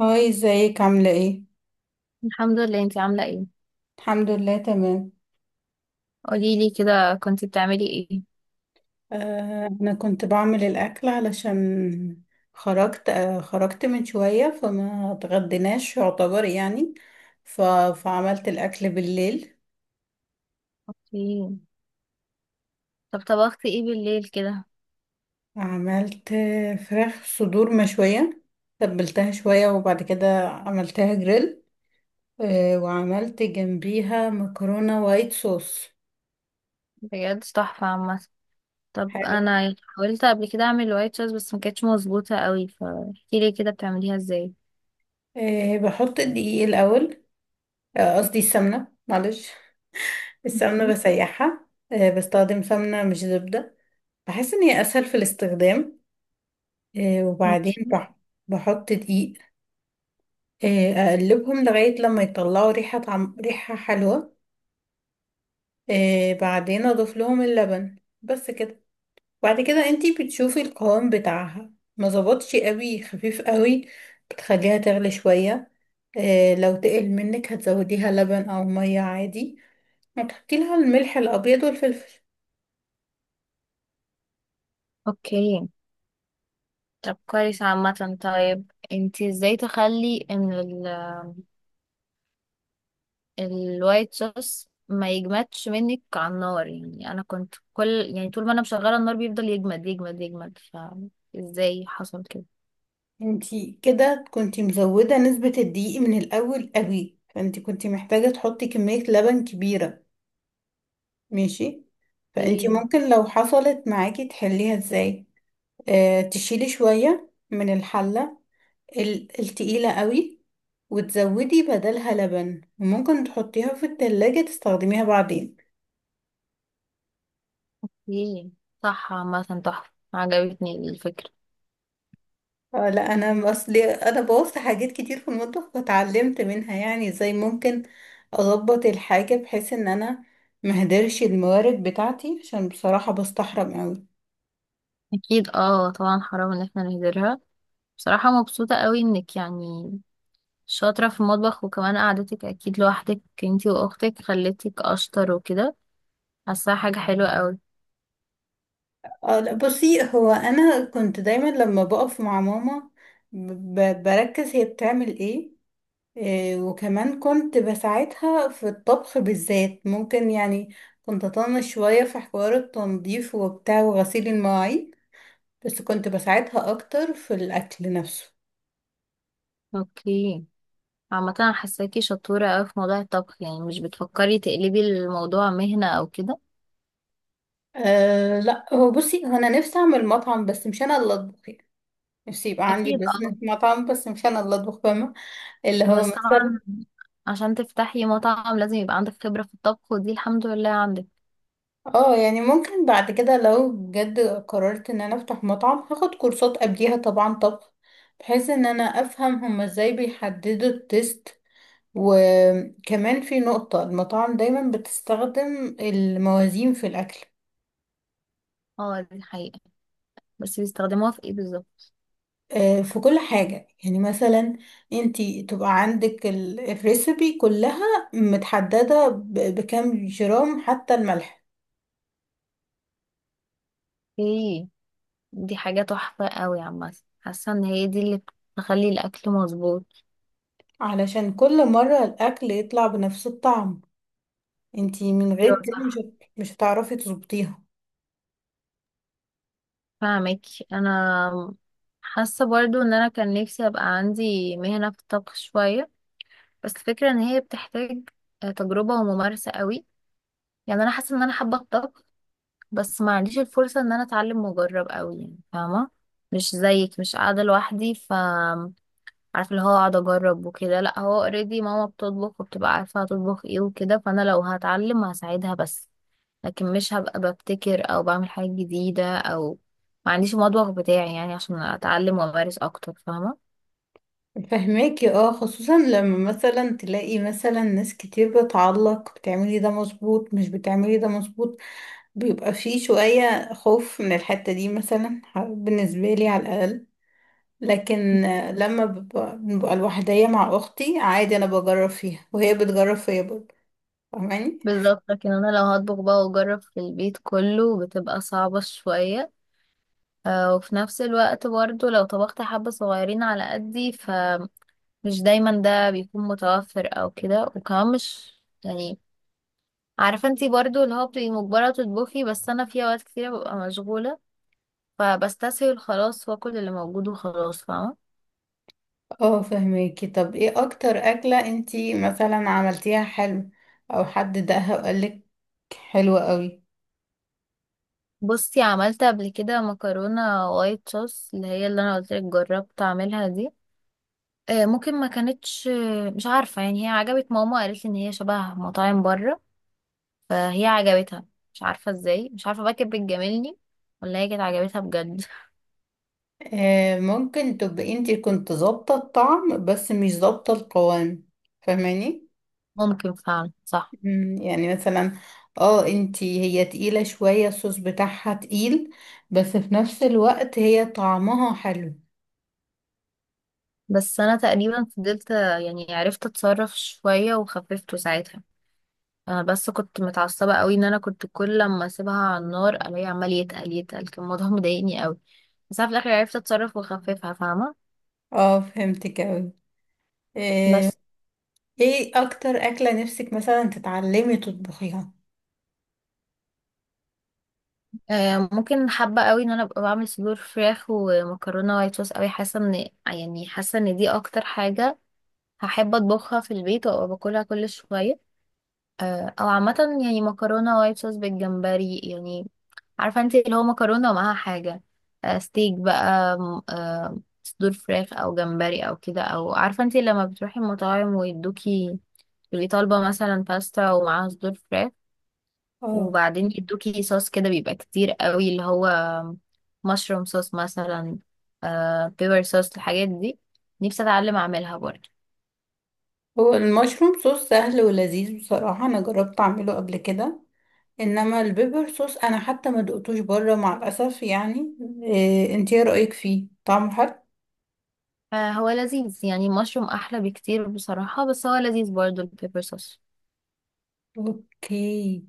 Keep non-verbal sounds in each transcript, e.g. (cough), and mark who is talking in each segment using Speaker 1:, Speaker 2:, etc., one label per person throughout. Speaker 1: هاي، ازيك؟ عاملة ايه؟
Speaker 2: الحمد لله. انتي عاملة ايه؟
Speaker 1: الحمد لله تمام.
Speaker 2: قولي لي كده، كنتي بتعملي ايه؟
Speaker 1: انا كنت بعمل الاكل علشان خرجت. خرجت من شوية فما اتغديناش، يعتبر يعني. ف... فعملت الاكل بالليل.
Speaker 2: اوكي. طب طبختي ايه بالليل كده؟
Speaker 1: عملت فراخ صدور مشوية. تبلتها شوية وبعد كده عملتها جريل. وعملت جنبيها مكرونة وايت صوص.
Speaker 2: بجد تحفة عامة. طب
Speaker 1: حلو.
Speaker 2: انا حاولت قبل كده اعمل وايت صوص بس ما كانتش مظبوطة قوي، فاحكي لي كده بتعمليها ازاي.
Speaker 1: بحط الدقيق الاول. قصدي السمنة، معلش. السمنة بسيحها. بستخدم سمنة مش زبدة. بحس إن هي أسهل في الاستخدام. وبعدين
Speaker 2: ماشي.
Speaker 1: بحط دقيق. أقلبهم لغاية لما يطلعوا ريحة، طعم ريحة حلوة. بعدين أضيف لهم اللبن. بس كده. بعد كده انتي بتشوفي القوام بتاعها ما ظبطش قوي، خفيف قوي. بتخليها تغلي شوية. لو تقل منك هتزوديها لبن أو مية عادي، وتحطي لها الملح الأبيض والفلفل.
Speaker 2: اوكي. طب كويس عامة. طيب انتي ازاي تخلي ان الوايت صوص ما يجمدش منك على النار؟ يعني انا كنت كل، يعني طول ما انا مشغله النار بيفضل يجمد، فازاي حصل كده؟
Speaker 1: انتي كده كنتي مزودة نسبة الدقيق من الأول قوي، فانتي كنتي محتاجة تحطي كمية لبن كبيرة. ماشي. فانتي
Speaker 2: ايه.
Speaker 1: ممكن لو حصلت معاكي تحليها ازاي؟ اه، تشيلي شوية من الحلة التقيلة قوي، وتزودي بدلها لبن، وممكن تحطيها في التلاجة تستخدميها بعدين.
Speaker 2: ايه. صح عامة، تحفة، عجبتني الفكرة.
Speaker 1: اه لا، انا اصلي انا بوظت حاجات كتير في المطبخ واتعلمت منها، يعني ازاي ممكن اظبط الحاجه بحيث ان انا مهدرش الموارد بتاعتي، عشان بصراحه بستحرم قوي.
Speaker 2: اكيد اه، طبعا حرام ان احنا نهدرها. بصراحة مبسوطة قوي انك يعني شاطرة في المطبخ، وكمان قعدتك اكيد لوحدك انتي واختك خلتك اشطر وكده. حاساها حاجة حلوة قوي.
Speaker 1: اه لا، بصي، هو انا كنت دايما لما بقف مع ماما بركز هي بتعمل ايه. وكمان كنت بساعدها في الطبخ، بالذات ممكن يعني كنت اطنش شويه في حوار التنظيف وبتاع وغسيل المواعين، بس كنت بساعدها اكتر في الاكل نفسه.
Speaker 2: اوكي. عامة انا حاساكي شطورة قوي في موضوع الطبخ، يعني مش بتفكري تقلبي الموضوع مهنة او كده؟
Speaker 1: أه لا، هو بصي، هو انا نفسي اعمل مطعم بس مش انا اللي اطبخ يعني. نفسي يبقى عندي
Speaker 2: اكيد
Speaker 1: بزنس
Speaker 2: اه.
Speaker 1: مطعم بس مش انا اللي اطبخ، فاهمه؟ اللي هو
Speaker 2: بس
Speaker 1: مثلا،
Speaker 2: طبعا عشان تفتحي مطعم لازم يبقى عندك خبرة في الطبخ، ودي الحمد لله عندك.
Speaker 1: اه يعني ممكن بعد كده لو بجد قررت ان انا افتح مطعم هاخد كورسات قبليها طبعا طبخ، بحيث ان انا افهم هما ازاي بيحددوا التست. وكمان في نقطة، المطاعم دايما بتستخدم الموازين في الاكل.
Speaker 2: اه دي حقيقة، بس بيستخدموها في ايه بالظبط؟
Speaker 1: في كل حاجة، يعني مثلا انتي تبقى عندك الريسبي كلها متحددة بكام جرام، حتى الملح.
Speaker 2: ايه. دي حاجة تحفة قوي عامة، حاسة ان هي دي اللي بتخلي الاكل مظبوط.
Speaker 1: علشان كل مرة الأكل يطلع بنفس الطعم، انتي من
Speaker 2: ايوه
Speaker 1: غير كده
Speaker 2: صح،
Speaker 1: مش هتعرفي تظبطيها.
Speaker 2: فاهمك. انا حاسة برضو ان انا كان نفسي ابقى عندي مهنة في الطبخ شوية، بس الفكرة ان هي بتحتاج تجربة وممارسة قوي. يعني انا حاسة ان انا حابة الطبخ، بس ما عنديش الفرصة ان انا اتعلم واجرب قوي، يعني فاهمة؟ مش زيك، مش قاعدة لوحدي، ف عارفه اللي هو اقعد اجرب وكده، لا هو اوريدي ماما بتطبخ وبتبقى عارفه هتطبخ ايه وكده، فانا لو هتعلم هساعدها بس، لكن مش هبقى ببتكر او بعمل حاجه جديده او ما عنديش المطبخ بتاعي، يعني عشان اتعلم وامارس اكتر، فاهمه؟
Speaker 1: فهماكي؟ اه، خصوصا لما مثلا تلاقي مثلا ناس كتير بتعلق بتعملي ده مظبوط مش بتعملي ده مظبوط، بيبقى فيه شوية خوف من الحتة دي، مثلا بالنسبة لي على الأقل. لكن لما ببقى لوحدية مع أختي عادي، أنا بجرب فيها وهي بتجرب فيا برضه. فاهماني؟
Speaker 2: بالظبط. لكن انا لو هطبخ بقى واجرب في البيت كله بتبقى صعبه شويه، وفي نفس الوقت برضو لو طبخت حبة صغيرين على قدي، فمش دايما ده بيكون متوفر او كده. وكمان مش يعني، عارفة انتي برضو اللي هو بتبقي مجبرة تطبخي، بس انا في اوقات كتيرة ببقى مشغولة فبستسهل خلاص واكل اللي موجود وخلاص، فاهمة؟
Speaker 1: اه فهماكي. طب ايه أكتر أكلة انتي مثلا عملتيها حلو أو حد دقها وقالك حلوة قوي؟
Speaker 2: بصي عملت قبل كده مكرونة وايت صوص، اللي هي اللي انا قلتلك جربت اعملها دي. ممكن ما كانتش، مش عارفة يعني، هي عجبت ماما، قالت لي ان هي شبه مطاعم بره، فهي عجبتها. مش عارفة ازاي، مش عارفة بقى كانت بتجاملني ولا هي كانت عجبتها بجد.
Speaker 1: آه، ممكن تبقي انتي كنت ظابطة الطعم بس مش ظابطة القوام، فاهماني؟
Speaker 2: (laughs) ممكن فعلا، صح.
Speaker 1: يعني مثلا اه، انتي هي تقيلة شوية، الصوص بتاعها تقيل، بس في نفس الوقت هي طعمها حلو.
Speaker 2: بس انا تقريبا فضلت، يعني عرفت اتصرف شوية وخففته ساعتها. انا بس كنت متعصبه قوي ان انا كنت كل لما اسيبها على النار الاقيه عمال يتقل، كان الموضوع (laughs) مضايقني قوي. بس انا في الاخر عرفت اتصرف واخففها، فاهمه؟
Speaker 1: اه فهمتك اوي. آه،
Speaker 2: بس.
Speaker 1: ايه اكتر اكلة نفسك مثلا تتعلمي تطبخيها؟
Speaker 2: آه ممكن، حابه قوي ان انا ابقى بعمل صدور فراخ ومكرونه وايت صوص قوي. حاسه ان يعني حاسه ان دي اكتر حاجه هحب اطبخها في البيت وابقى باكلها كل شويه. او عامه يعني مكرونه وايت صوص بالجمبري، يعني عارفه انت اللي هو مكرونه ومعاها حاجه، ستيك بقى صدور فراخ او جمبري او كده. او عارفه انت لما بتروحي المطاعم ويدوكي، تبقي طالبه مثلا باستا ومعاها صدور فراخ،
Speaker 1: اه،
Speaker 2: وبعدين يدوكي صوص كده بيبقى كتير قوي، اللي هو مشروم صوص مثلا، بيبر صوص، الحاجات دي نفسي اتعلم اعملها برضه.
Speaker 1: هو المشروم صوص سهل ولذيذ بصراحة، انا جربت اعمله قبل كده. انما البيبر صوص انا حتى ما دقتوش بره مع الاسف يعني. إيه، انت ايه رأيك فيه؟ طعمه حلو؟
Speaker 2: هو لذيذ يعني، المشروم احلى بكتير بصراحة، بس هو لذيذ برضو البيبر صوص.
Speaker 1: اوكي.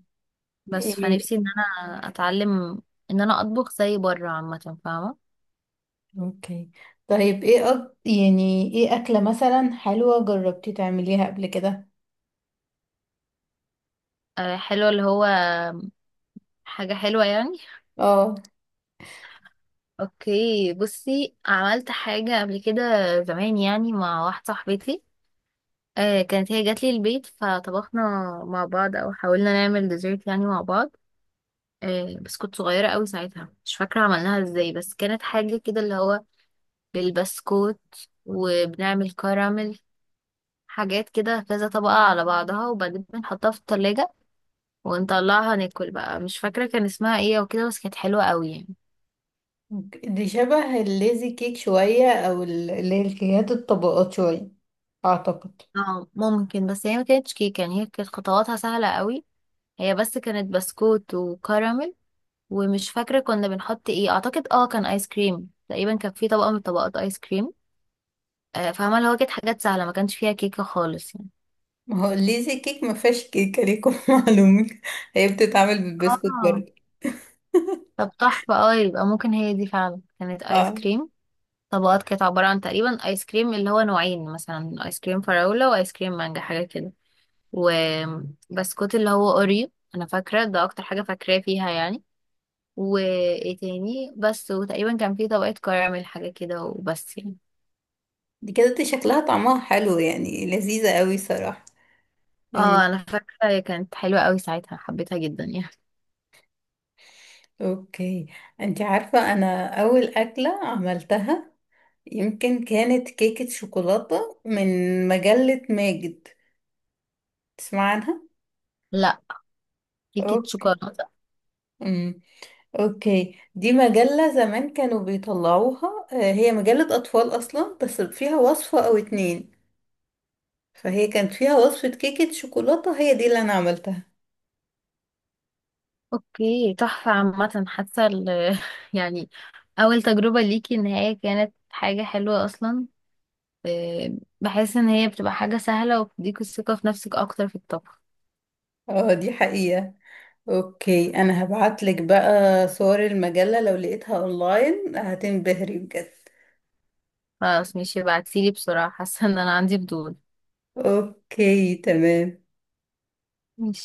Speaker 2: بس
Speaker 1: إيه.
Speaker 2: فنفسي ان انا اتعلم ان انا اطبخ زي بره عامة، فاهمة؟
Speaker 1: اوكي، طيب ايه يعني ايه اكلة مثلا حلوة جربتي تعمليها قبل كده؟
Speaker 2: حلو اللي هو حاجة حلوة يعني.
Speaker 1: اه،
Speaker 2: اوكي بصي، عملت حاجة قبل كده زمان يعني، مع واحدة صاحبتي. كانت هي جات لي البيت فطبخنا مع بعض، او حاولنا نعمل ديزرت يعني مع بعض. بس كنت صغيرة قوي ساعتها، مش فاكرة عملناها ازاي، بس كانت حاجة كده اللي هو بالبسكوت وبنعمل كراميل، حاجات كده كذا طبقة على بعضها، وبعدين بنحطها في التلاجة ونطلعها ناكل بقى. مش فاكرة كان اسمها ايه او كده، بس كانت حلوة قوي يعني.
Speaker 1: دي شبه الليزي كيك شوية، او اللي هي الكيكات الطبقات شوية، اعتقد.
Speaker 2: اه ممكن، بس هي ما كانتش كيكة يعني، هي كانت خطواتها سهلة قوي، هي بس كانت بسكوت وكراميل. ومش فاكرة كنا بنحط ايه، اعتقد اه كان ايس كريم، تقريبا كان في طبقة من طبقات ايس كريم. فاهمة اللي هو كانت حاجات سهلة، ما كانش فيها كيكة خالص يعني.
Speaker 1: ما هو ليزي كيك ما فيهاش كيكه، ليكم (laughs) معلومه، هي بتتعمل بالبسكوت
Speaker 2: اه
Speaker 1: برضه.
Speaker 2: طب تحفة. اه يبقى ممكن هي دي فعلا كانت ايس
Speaker 1: اه.
Speaker 2: كريم طبقات، كانت عبارة عن تقريبا ايس كريم اللي هو نوعين، مثلا ايس كريم فراولة وايس كريم مانجا، حاجة كده. وبسكوت اللي هو اوريو، انا فاكرة ده اكتر حاجة فاكراه فيها يعني. وايه تاني بس، وتقريبا كان في طبقة كراميل حاجة كده، وبس يعني.
Speaker 1: دي كده دي شكلها طعمها حلو يعني، لذيذه قوي صراحه
Speaker 2: اه
Speaker 1: يعني.
Speaker 2: انا فاكرة هي كانت حلوة قوي ساعتها، حبيتها جدا يعني.
Speaker 1: اوكي. انت عارفه انا اول اكله عملتها يمكن كانت كيكه شوكولاته من مجله ماجد. تسمع عنها؟
Speaker 2: لا. كيكة
Speaker 1: اوكي.
Speaker 2: شوكولاتة؟
Speaker 1: امم اوكي، دي مجله زمان كانوا بيطلعوها، هي مجله اطفال اصلا بس فيها وصفه او اتنين، فهي كانت فيها وصفة كيكة شوكولاتة، هي دي اللي أنا عملتها.
Speaker 2: اوكي تحفة عامة، حاسة ال- (laughs) يعني اول تجربة ليكي ان هي كانت حاجة حلوة اصلا. آه، بحس ان هي بتبقى حاجة سهلة وبتديك الثقة في نفسك اكتر في الطبخ.
Speaker 1: اه دي حقيقة. اوكي، أنا هبعتلك بقى صور المجلة، لو لقيتها اونلاين هتنبهري بجد.
Speaker 2: خلاص ماشي، ابعتيلي بسرعة، حاسة ان انا عندي فضول.
Speaker 1: اوكي تمام.
Speaker 2: ماشي.